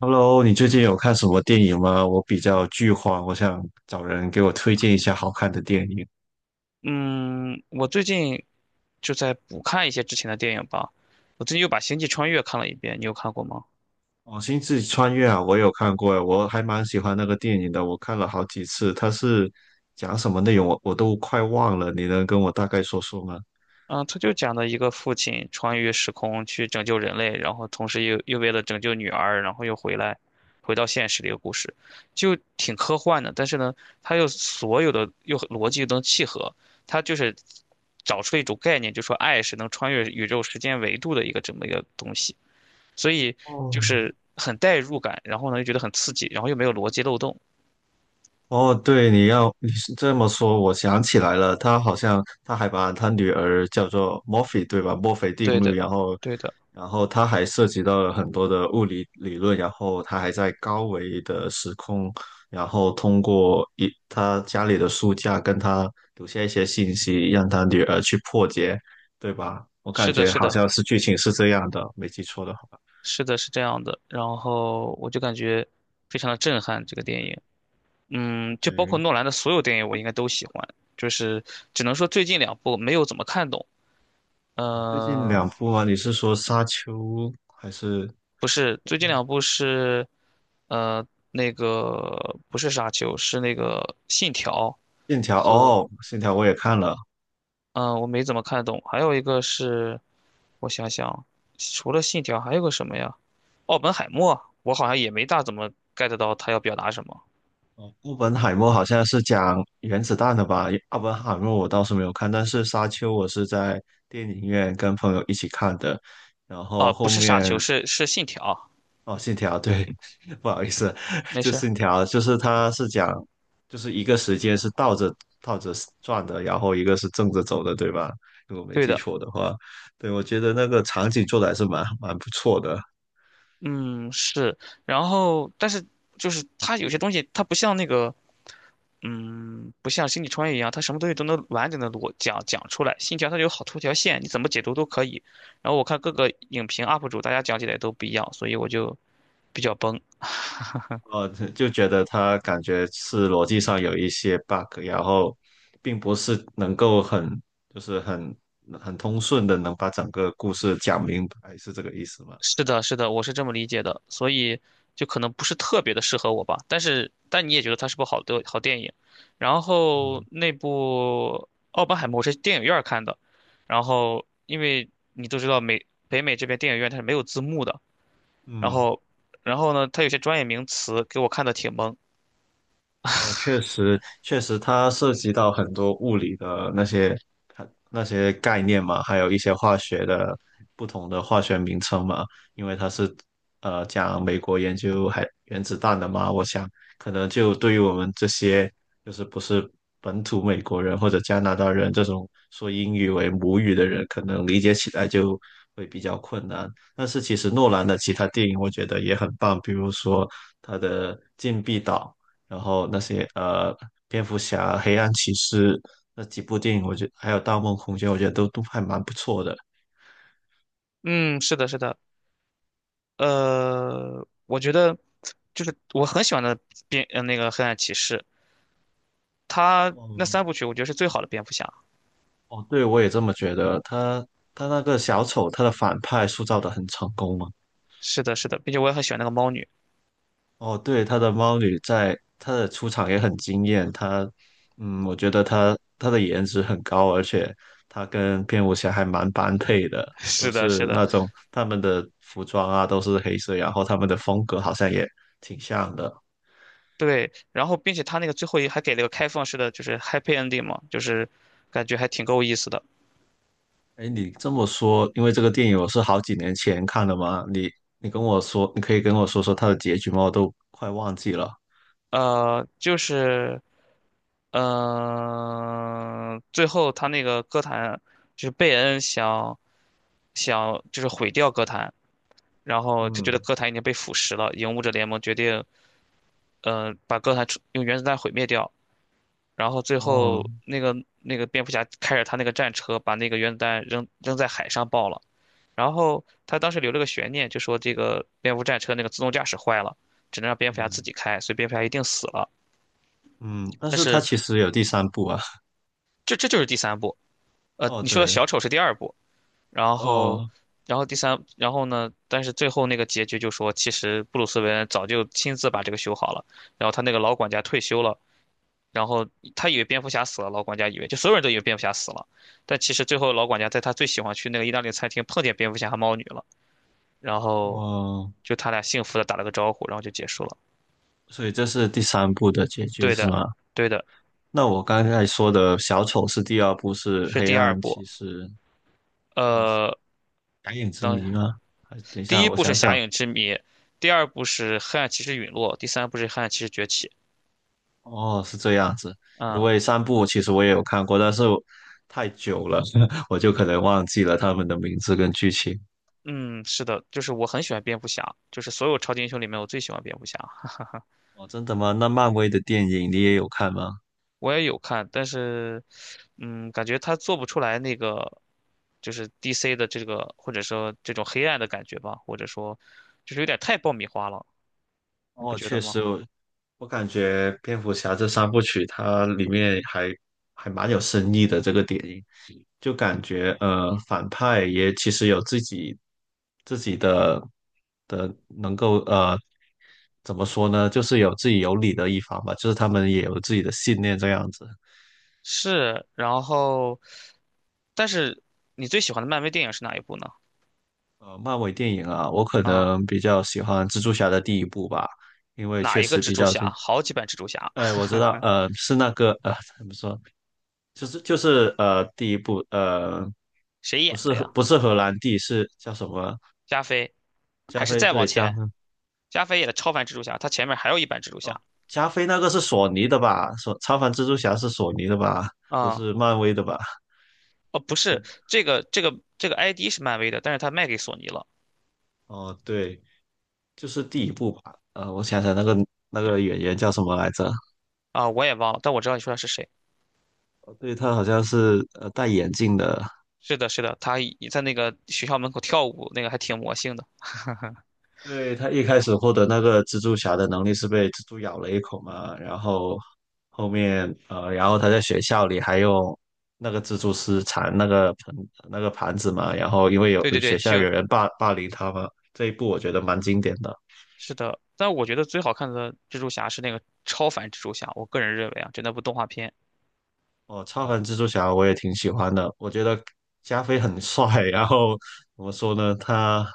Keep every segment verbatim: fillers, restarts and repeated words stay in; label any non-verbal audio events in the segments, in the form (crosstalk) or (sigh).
Hello，你最近有看什么电影吗？我比较剧荒，我想找人给我推荐一下好看的电影。嗯，我最近就在补看一些之前的电影吧。我最近又把《星际穿越》看了一遍，你有看过吗？哦，《星际穿越》啊，我有看过，我还蛮喜欢那个电影的，我看了好几次。它是讲什么内容，我我都快忘了，你能跟我大概说说吗？嗯，他就讲的一个父亲穿越时空去拯救人类，然后同时又又为了拯救女儿，然后又回来，回到现实的一个故事，就挺科幻的。但是呢，他又所有的又逻辑又能契合，他就是找出了一种概念，就说爱是能穿越宇宙时间维度的一个这么一个东西。所以就哦，是很代入感，然后呢又觉得很刺激，然后又没有逻辑漏洞。哦，对，你要你是这么说，我想起来了，他好像他还把他女儿叫做墨菲，对吧？墨菲定对律，的，然后，对的，然后他还涉及到了很多的物理理论，然后他还在高维的时空，然后通过一他家里的书架跟他留下一些信息，让他女儿去破解，对吧？我感是的，觉是好的，像是剧情是这样的，没记错的话，是的，是这样的。然后我就感觉非常的震撼这个电影，嗯，就包括对。诺兰的所有电影我应该都喜欢，就是只能说最近两部没有怎么看懂。哦最近两呃，部啊，你是说《沙丘》还是？不是，最近两部是，呃，那个不是沙丘，是那个信条线条和哦，线条我也看了。嗯，我没怎么看懂。还有一个是，我想想，除了信条还有个什么呀？奥本海默，我好像也没大怎么 get 到他要表达什么。哦，奥本海默好像是讲原子弹的吧？奥本海默我倒是没有看，但是沙丘我是在电影院跟朋友一起看的。然后啊，不后是傻面球，是是信条。哦，信条对，(laughs) 不好意思，没就事儿，信条就是它是讲就是一个时间是倒着倒着转的，然后一个是正着走的，对吧？如果没对记的，错的话，对，我觉得那个场景做的还是蛮蛮不错的。嗯是。然后，但是就是他有些东西，他不像那个，嗯，不像星际穿越一样，他什么东西都能完整的逻讲讲出来。信条它有好多条线，你怎么解读都可以。然后我看各个影评 U P 主，大家讲起来都不一样，所以我就比较崩。呃，就就觉得他感觉是逻辑上有一些 bug，然后并不是能够很就是很很通顺的能把整个故事讲明白，是这个意思吗？是的，是的，我是这么理解的，所以就可能不是特别的适合我吧。但是，但你也觉得它是部好的好电影。然后那部《奥本海默》我是电影院儿看的，然后因为你都知道美北美这边电影院它是没有字幕的，然嗯。后然后呢，它有些专业名词给我看的挺懵。哦，确实，确实，它涉及到很多物理的那些它那些概念嘛，还有一些化学的不同的化学名称嘛，因为它是呃讲美国研究还原子弹的嘛，我想可能就对于我们这些就是不是本土美国人或者加拿大人这种说英语为母语的人，可能理解起来就会比较困难。但是其实诺兰的其他电影我觉得也很棒，比如说他的《禁闭岛》。然后那些呃蝙蝠侠、黑暗骑士那几部电影，我觉得还有《盗梦空间》，我觉得都都还蛮不错的。嗯，是的，是的，呃，我觉得就是我很喜欢的蝙呃那个《黑暗骑士》，它那哦三部曲我觉得是最好的蝙蝠侠。哦，对，我也这么觉得。他他那个小丑，他的反派塑造的很成功嘛。是的，是的，并且我也很喜欢那个猫女。哦，对，他的猫女在她的出场也很惊艳。她，嗯，我觉得她她的颜值很高，而且她跟蝙蝠侠还蛮般配的，(laughs) 都是的，是是的，那种他们的服装啊都是黑色，然后他们的风格好像也挺像的。对。然后，并且他那个最后一还给了个开放式的，就是 happy ending 嘛，就是感觉还挺够意思的。哎，你这么说，因为这个电影我是好几年前看的嘛，你你跟我说，你可以跟我说说它的结局吗？我都快忘记了。呃，就是嗯、呃最后他那个歌坛就是贝恩想想就是毁掉歌坛，然后就觉得嗯，歌坛已经被腐蚀了，影舞者联盟决定嗯、呃把歌坛处用原子弹毁灭掉。然后最哦，后那个那个蝙蝠侠开着他那个战车，把那个原子弹扔扔在海上爆了。然后他当时留了个悬念，就说这个蝙蝠战车那个自动驾驶坏了，只能让蝙蝠侠自嗯己开，所以蝙蝠侠一定死了。嗯，但但是它是其实有第三部啊。这这就是第三部，呃，哦，你说的对，小丑是第二部，然后哦然后第三，然后呢？但是最后那个结局就说，其实布鲁斯韦恩早就亲自把这个修好了，然后他那个老管家退休了，然后他以为蝙蝠侠死了，老管家以为就所有人都以为蝙蝠侠死了，但其实最后老管家在他最喜欢去那个意大利餐厅碰见蝙蝠侠和猫女了，然后哦，就他俩幸福的打了个招呼，然后就结束了。所以这是第三部的结局对是的，吗？对的，那我刚才说的小丑是第二部，是是黑第二暗骑部。士，哦，呃，蓝影之谜等吗？还等一第下，一我部是想《侠想，影之谜》，第二部是《黑暗骑士陨落》，第三部是《黑暗骑士崛起》。哦，是这样子。因嗯为三部其实我也有看过，但是我太久了，(laughs) 我就可能忘记了他们的名字跟剧情。嗯，是的，就是我很喜欢蝙蝠侠，就是所有超级英雄里面我最喜欢蝙蝠侠。哦，真的吗？那漫威的电影你也有看吗？我也有看，但是，嗯，感觉他做不出来那个，就是 D C 的这个，或者说这种黑暗的感觉吧，或者说，就是有点太爆米花了，你不哦，觉确得吗？实，我我感觉蝙蝠侠这三部曲它里面还还蛮有深意的。这个电影就感觉呃，反派也其实有自己自己的的能够呃怎么说呢？就是有自己有理的一方吧，就是他们也有自己的信念这样子。是，然后，但是你最喜欢的漫威电影是哪一部呢？呃，漫威电影啊，我可啊、能比较喜欢蜘蛛侠的第一部吧，因为哪确一个实蜘比蛛较精侠？彩。好几版蜘蛛侠，哎，我知道，呃，是那个，呃，怎么说，就是就是呃，第一部，呃，谁不演是的荷呀？不是荷兰弟，是叫什么？加菲，加还是菲，再往对，加菲，前？加菲演的超凡蜘蛛侠，他前面还有一版蜘蛛哦，侠加菲那个是索尼的吧？索超凡蜘蛛侠是索尼的吧？不啊、是漫威的吧？哦，不是，这个这个这个 I D 是漫威的，但是他卖给索尼了。哦，对，就是第一部吧。呃，我想想，那个那个演员叫什么来着？啊，我也忘了，但我知道你说的是谁。哦对，他好像是呃戴眼镜的。是的，是的，他一在那个学校门口跳舞，那个还挺魔性的。对，他一开始获得那个蜘蛛侠的能力是被蜘蛛咬了一口嘛，然后后面呃，然后他在学校里还用那个蜘蛛丝缠那个盆那个盘子嘛，然后因为有对对学对，校有就人霸霸凌他嘛，这一部我觉得蛮经典的。是的。但我觉得最好看的蜘蛛侠是那个超凡蜘蛛侠，我个人认为啊，就那部动画片。哦，超凡蜘蛛侠我也挺喜欢的，我觉得加菲很帅。然后怎么说呢？他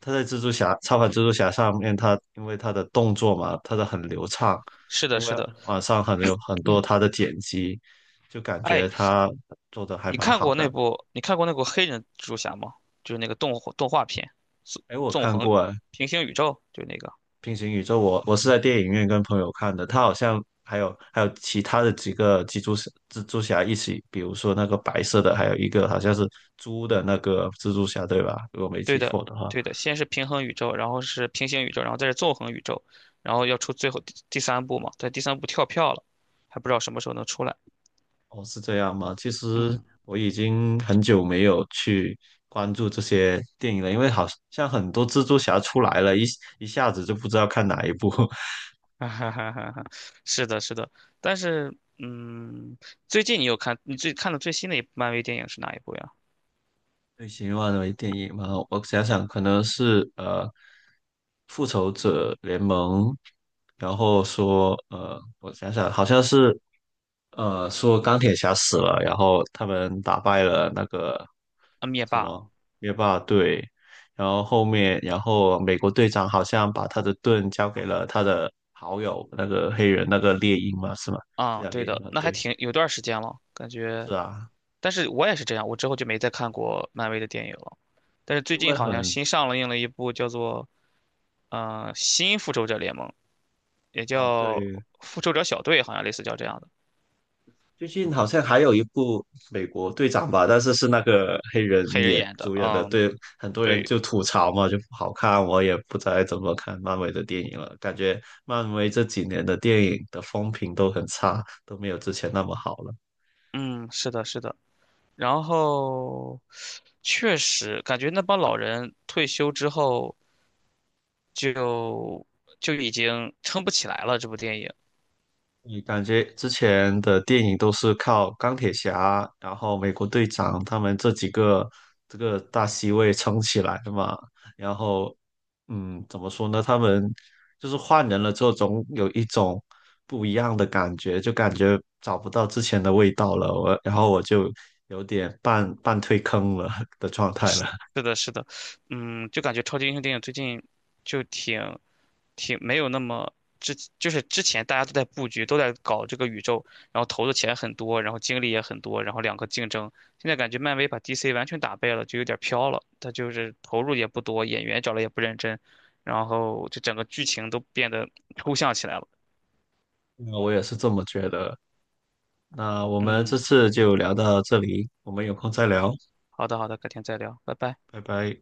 他在蜘蛛侠超凡蜘蛛侠上面，他因为他的动作嘛，他的很流畅，是的，因是为的。网上很有很多他的剪辑，就感觉哎，他做的还你蛮看好过那的。部你看过那部黑人蜘蛛侠吗？就是那个动动画片，纵哎，我纵看横过，平行宇宙，就那个。平行宇宙我我是在电影院跟朋友看的，他好像还有还有其他的几个蜘蛛侠蜘蛛侠一起，比如说那个白色的，还有一个好像是猪的那个蜘蛛侠，对吧？如果没对记的，错的话，对的。先是平衡宇宙，然后是平行宇宙，然后再是纵横宇宙，然后要出最后第第三部嘛，在第三部跳票了，还不知道什么时候能出来。哦，是这样吗？其实嗯，我已经很久没有去关注这些电影了，因为好像很多蜘蛛侠出来了，一一下子就不知道看哪一部。(laughs) (laughs) 哈哈哈哈哈，是的，是的，但是，嗯，最近你有看你最看的最新的一部漫威电影是哪一部呀？类型化的电影嘛，我想想，可能是呃《复仇者联盟》，然后说呃，我想想，好像是呃说钢铁侠死了，然后他们打败了那个啊，灭什霸么灭霸队，然后后面，然后美国队长好像把他的盾交给了他的好友那个黑人那个猎鹰嘛，是吗？这啊，叫对猎鹰的，嘛？那还对，挺有段时间了，感觉，是啊，但是我也是这样，我之后就没再看过漫威的电影了。但是最因为近好像很新上了映了一部叫做嗯，新复仇者联盟，也哦叫对。复仇者小队，好像类似叫这样的，最近好像还有一部美国队长吧，但是是那个黑人黑人演演的，主演的，嗯，对，很多人对，就吐槽嘛，就不好看。我也不再怎么看漫威的电影了，感觉漫威这几年的电影的风评都很差，都没有之前那么好了。嗯，是的，是的。然后确实感觉那帮老人退休之后就就已经撑不起来了，这部电影。你感觉之前的电影都是靠钢铁侠，然后美国队长他们这几个这个大 C 位撑起来的嘛？然后，嗯，怎么说呢？他们就是换人了之后，总有一种不一样的感觉，就感觉找不到之前的味道了。我，然后我就有点半半退坑了的状态了。(laughs) 是的，是的，嗯，就感觉超级英雄电影最近就挺挺没有那么之，就是之前大家都在布局，都在搞这个宇宙，然后投的钱很多，然后精力也很多，然后两个竞争。现在感觉漫威把 D C 完全打败了，就有点飘了。他就是投入也不多，演员找了也不认真，然后这整个剧情都变得抽象起来了。那我也是这么觉得。那我们这嗯，次就聊到这里，我们有空再聊，好的，好的，改天再聊，拜拜。拜拜。